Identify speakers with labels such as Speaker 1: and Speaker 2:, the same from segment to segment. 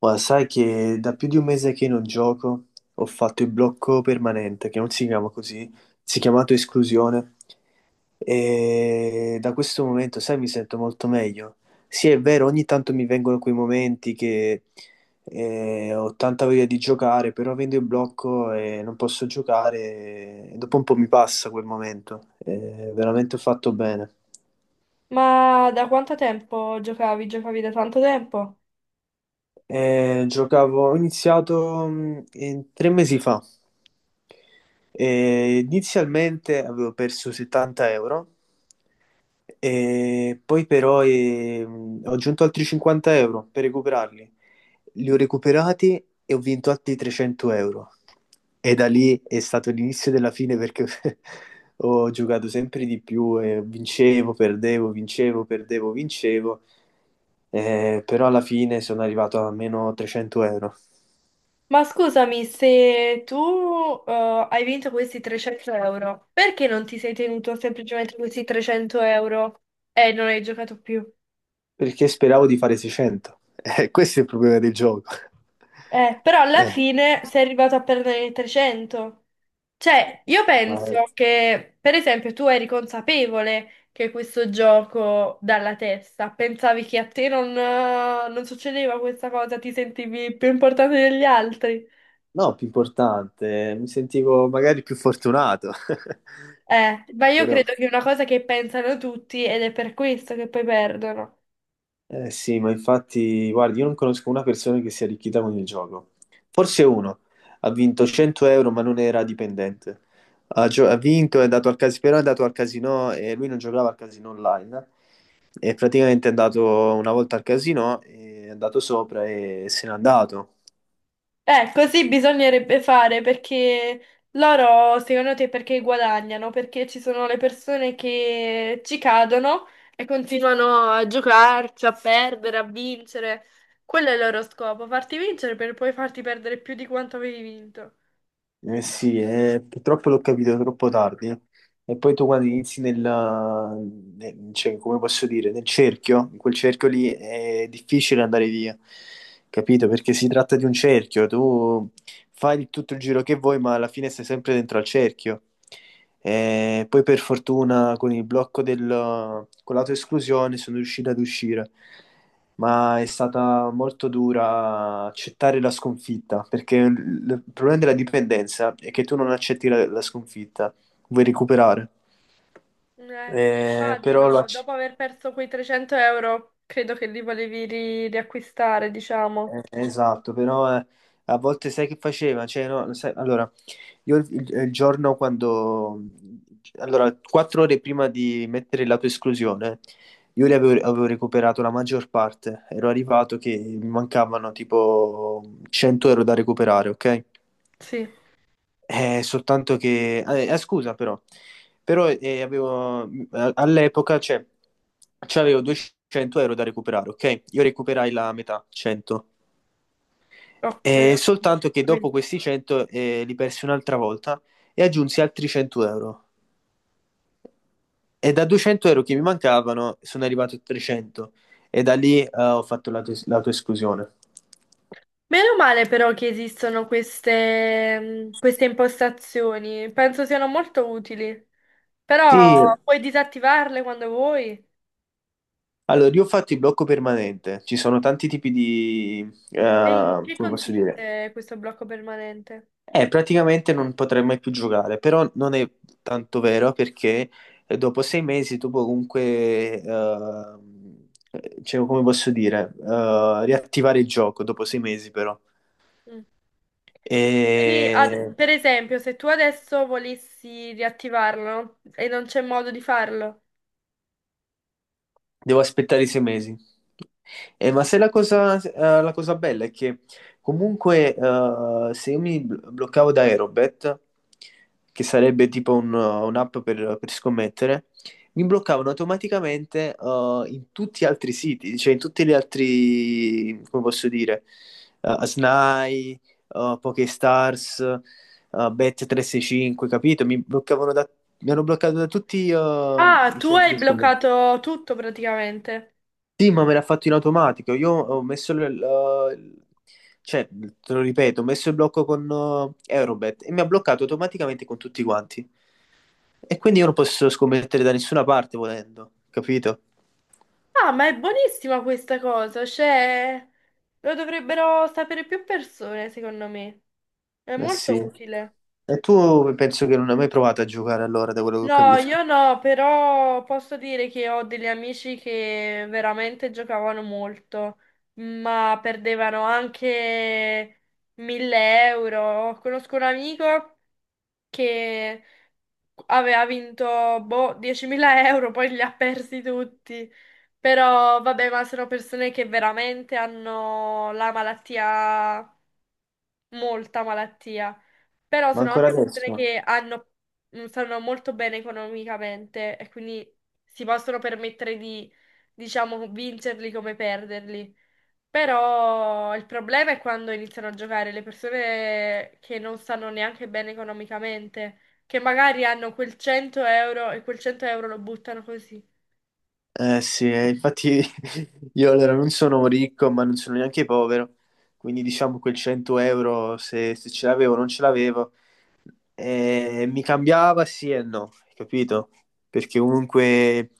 Speaker 1: Ma sai che da più di un mese che non gioco, ho fatto il blocco permanente, che non si chiama così, si è chiamato esclusione. E da questo momento, sai, mi sento molto meglio. Sì, è vero, ogni tanto mi vengono quei momenti che ho tanta voglia di giocare, però avendo il blocco e non posso giocare, e dopo un po' mi passa quel momento. Veramente ho fatto bene.
Speaker 2: Ma da quanto tempo giocavi? Giocavi da tanto tempo?
Speaker 1: Giocavo, ho iniziato tre mesi fa. Inizialmente avevo perso 70 euro e poi però ho aggiunto altri 50 euro per recuperarli. Li ho recuperati e ho vinto altri 300 euro. E da lì è stato l'inizio della fine perché ho giocato sempre di più e vincevo, perdevo, vincevo, perdevo, vincevo. Però alla fine sono arrivato a meno 300 euro
Speaker 2: Ma scusami, se tu hai vinto questi 300 euro, perché non ti sei tenuto semplicemente questi 300 euro e non hai giocato più?
Speaker 1: perché speravo di fare 600. Questo è il problema del gioco.
Speaker 2: Però alla
Speaker 1: Eh,
Speaker 2: fine sei arrivato a perdere i 300. Cioè, io
Speaker 1: ma-
Speaker 2: penso che, per esempio, tu eri consapevole che questo gioco dalla testa, pensavi che a te non, non succedeva questa cosa, ti sentivi più importante degli altri.
Speaker 1: No, più importante, mi sentivo magari più fortunato.
Speaker 2: Ma io
Speaker 1: Però
Speaker 2: credo che è una cosa che pensano tutti ed è per questo che poi perdono.
Speaker 1: eh sì, ma infatti, guardi, io non conosco una persona che si è arricchita con il gioco. Forse uno ha vinto 100 euro, ma non era dipendente. Ha vinto, è andato al casino, però è andato al casino e lui non giocava al casino online. E praticamente è andato una volta al casino, è andato sopra e se n'è andato.
Speaker 2: Così bisognerebbe fare perché loro, secondo te, perché guadagnano? Perché ci sono le persone che ci cadono e continuano a giocarci, a perdere, a vincere. Quello è il loro scopo, farti vincere per poi farti perdere più di quanto avevi vinto.
Speaker 1: Eh sì, purtroppo l'ho capito troppo tardi. E poi tu quando inizi cioè, come posso dire, nel cerchio, in quel cerchio lì è difficile andare via, capito? Perché si tratta di un cerchio, tu tutto il giro che vuoi, ma alla fine sei sempre dentro al cerchio. E poi per fortuna con il blocco con l'autoesclusione sono riuscito ad uscire, ma è stata molto dura accettare la sconfitta, perché il problema della dipendenza è che tu non accetti la sconfitta, vuoi recuperare.
Speaker 2: Sì,
Speaker 1: Eh, però lo
Speaker 2: immagino,
Speaker 1: acc-
Speaker 2: dopo aver perso quei 300 euro, credo che li volevi riacquistare, diciamo.
Speaker 1: esatto, però a volte sai che faceva? Cioè, no, sai- Allora, il giorno quando... Allora, quattro ore prima di mettere la tua esclusione, avevo recuperato la maggior parte. Ero arrivato che mi mancavano tipo 100 euro da recuperare, ok?
Speaker 2: Sì.
Speaker 1: Soltanto che... scusa però, però avevo... All'epoca, cioè, c'avevo 200 euro da recuperare, ok? Io recuperai la metà, 100.
Speaker 2: Ok, ho
Speaker 1: Soltanto che dopo
Speaker 2: capito.
Speaker 1: questi 100 li persi un'altra volta e aggiunsi altri 100 euro. E da 200 euro che mi mancavano sono arrivato a 300 e da lì ho fatto l'autoesclusione.
Speaker 2: Meno male però che esistono queste, queste impostazioni, penso siano molto utili, però
Speaker 1: Sì,
Speaker 2: puoi disattivarle quando vuoi.
Speaker 1: allora io ho fatto il blocco permanente, ci sono tanti tipi di, eh,
Speaker 2: E in che
Speaker 1: come posso dire.
Speaker 2: consiste questo blocco permanente?
Speaker 1: Praticamente non potrei mai più giocare, però non è tanto vero perché dopo sei mesi tu puoi comunque, cioè, come posso dire, riattivare il gioco dopo sei mesi però.
Speaker 2: Mm. Quindi,
Speaker 1: E
Speaker 2: per esempio, se tu adesso volessi riattivarlo e non c'è modo di farlo,
Speaker 1: devo aspettare i sei mesi. Ma se la cosa, la cosa bella è che comunque se io bloccavo da Aerobet, che sarebbe tipo un'app per scommettere, mi bloccavano automaticamente in tutti gli altri siti, cioè in tutti gli altri, come posso dire, Snai, Pokestars, Bet365, capito? Mi hanno bloccato da tutti
Speaker 2: ah,
Speaker 1: i
Speaker 2: tu
Speaker 1: centri
Speaker 2: hai
Speaker 1: di scommesse.
Speaker 2: bloccato tutto praticamente.
Speaker 1: Sì, ma me l'ha fatto in automatico. Io ho messo cioè, te lo ripeto, ho messo il blocco con Eurobet e mi ha bloccato automaticamente con tutti quanti. E quindi io non posso scommettere da nessuna parte volendo, capito?
Speaker 2: Ah, ma è buonissima questa cosa, cioè lo dovrebbero sapere più persone, secondo me. È
Speaker 1: Eh sì.
Speaker 2: molto utile.
Speaker 1: E tu penso che non hai mai provato a giocare allora, da quello che ho
Speaker 2: No, io
Speaker 1: capito.
Speaker 2: no, però posso dire che ho degli amici che veramente giocavano molto, ma perdevano anche 1000 euro. Conosco un amico che aveva vinto boh, 10.000 euro, poi li ha persi tutti. Però vabbè, ma sono persone che veramente hanno la malattia, molta malattia. Però
Speaker 1: Ma
Speaker 2: sono
Speaker 1: ancora
Speaker 2: anche persone
Speaker 1: adesso?
Speaker 2: che hanno, stanno molto bene economicamente e quindi si possono permettere di, diciamo, vincerli come perderli. Però il problema è quando iniziano a giocare le persone che non stanno neanche bene economicamente, che magari hanno quel 100 euro e quel 100 euro lo buttano così.
Speaker 1: Eh sì, infatti io allora non sono ricco, ma non sono neanche povero. Quindi diciamo quel 100 euro, se ce l'avevo o non ce l'avevo, mi cambiava sì e no, capito? Perché comunque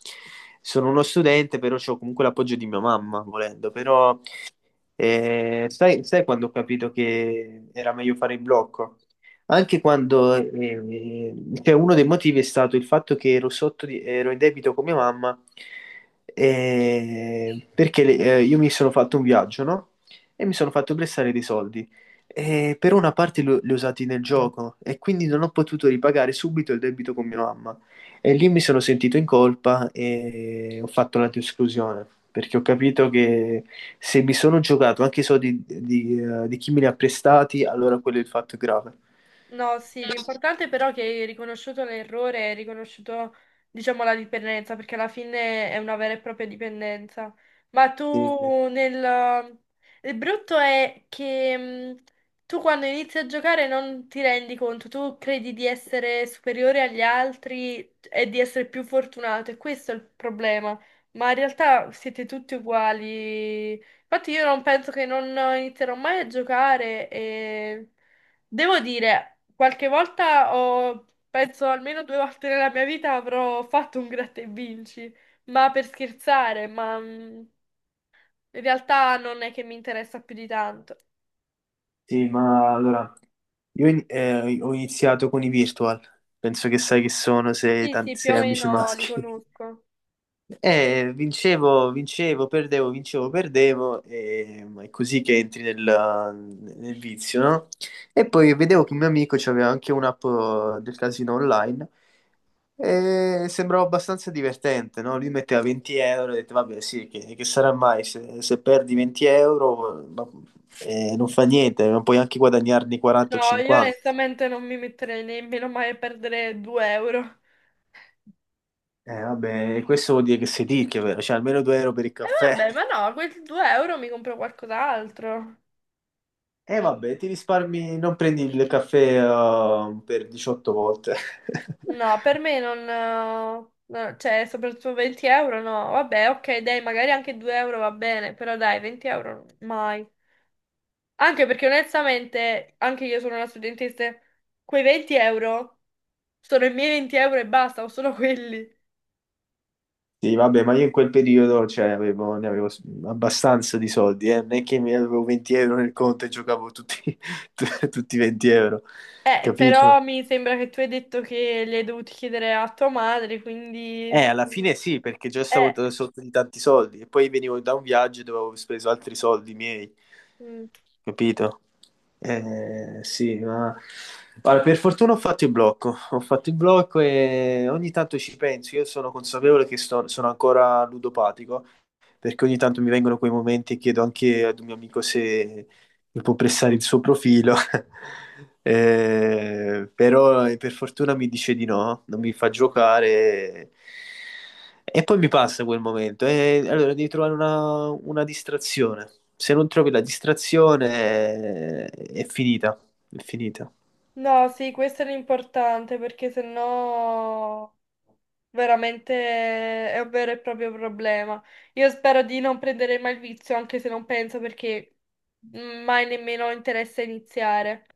Speaker 1: sono uno studente, però ho comunque l'appoggio di mia mamma, volendo. Però e sai, sai quando ho capito che era meglio fare in blocco? Anche quando eh, cioè, uno dei motivi è stato il fatto che ero, ero in debito con mia mamma io mi sono fatto un viaggio, no? E mi sono fatto prestare dei soldi. E per una parte li ho usati nel gioco e quindi non ho potuto ripagare subito il debito con mia mamma. E lì mi sono sentito in colpa e ho fatto una esclusione perché ho capito che se mi sono giocato anche i soldi di chi me li ha prestati, allora quello è il fatto grave.
Speaker 2: No, sì, l'importante però è che hai riconosciuto l'errore, hai riconosciuto, diciamo, la dipendenza, perché alla fine è una vera e propria dipendenza. Ma
Speaker 1: Sì,
Speaker 2: tu nel... Il brutto è che tu quando inizi a giocare non ti rendi conto, tu credi di essere superiore agli altri e di essere più fortunato, e questo è il problema. Ma in realtà siete tutti uguali. Infatti io non penso che non inizierò mai a giocare e... Devo dire... Qualche volta ho, penso almeno due volte nella mia vita avrò fatto un gratta e vinci, ma per scherzare, ma in realtà non è che mi interessa più di tanto.
Speaker 1: sì, ma allora ho iniziato con i virtual, penso che sai che sono, sei,
Speaker 2: Sì, sì,
Speaker 1: tanti,
Speaker 2: più
Speaker 1: sei
Speaker 2: o
Speaker 1: amici
Speaker 2: meno li
Speaker 1: maschi.
Speaker 2: conosco.
Speaker 1: Vincevo, vincevo, perdevo, e ma è così che entri nel vizio, no? E poi vedevo che un mio amico aveva anche un'app del casino online e sembrava abbastanza divertente, no? Lui metteva 20 euro e detto, vabbè, sì, che sarà mai se perdi 20 euro, ma- non fa niente, non puoi anche guadagnarne 40 o
Speaker 2: No, io
Speaker 1: 50.
Speaker 2: onestamente non mi metterei nemmeno mai a perdere 2 euro.
Speaker 1: Vabbè, questo vuol dire che sei ricco, vero? Cioè, almeno 2 euro per il
Speaker 2: E
Speaker 1: caffè.
Speaker 2: vabbè, ma no, quei 2 euro mi compro qualcos'altro.
Speaker 1: E vabbè, ti risparmi, non prendi il caffè per 18 volte.
Speaker 2: No, per me non... No, cioè, soprattutto 20 euro no. Vabbè, ok, dai, magari anche 2 euro va bene, però dai, 20 euro mai. Anche perché onestamente, anche io sono una studentessa, quei 20 euro sono i miei 20 euro e basta, o sono quelli.
Speaker 1: Sì, vabbè, ma io in quel periodo cioè, ne avevo abbastanza di soldi, eh. Non è che mi avevo 20 euro nel conto e giocavo tutti, tutti i 20 euro,
Speaker 2: Però
Speaker 1: capito?
Speaker 2: mi sembra che tu hai detto che li hai dovuti chiedere a tua madre, quindi...
Speaker 1: Alla fine sì, perché già stavo
Speaker 2: Eh,
Speaker 1: sotto di tanti soldi e poi venivo da un viaggio dove avevo speso altri soldi miei.
Speaker 2: mm.
Speaker 1: Capito? Sì, ma guarda, per fortuna ho fatto il blocco, ho fatto il blocco e ogni tanto ci penso, io sono consapevole che sono ancora ludopatico, perché ogni tanto mi vengono quei momenti e chiedo anche ad un mio amico se mi può prestare il suo profilo. Però per fortuna mi dice di no, non mi fa giocare e poi mi passa quel momento. E allora devi trovare una distrazione. Se non trovi la distrazione, è finita, è finita.
Speaker 2: No, sì, questo era importante perché sennò veramente è un vero e proprio problema. Io spero di non prendere mai il vizio, anche se non penso perché mai nemmeno ho interesse a iniziare.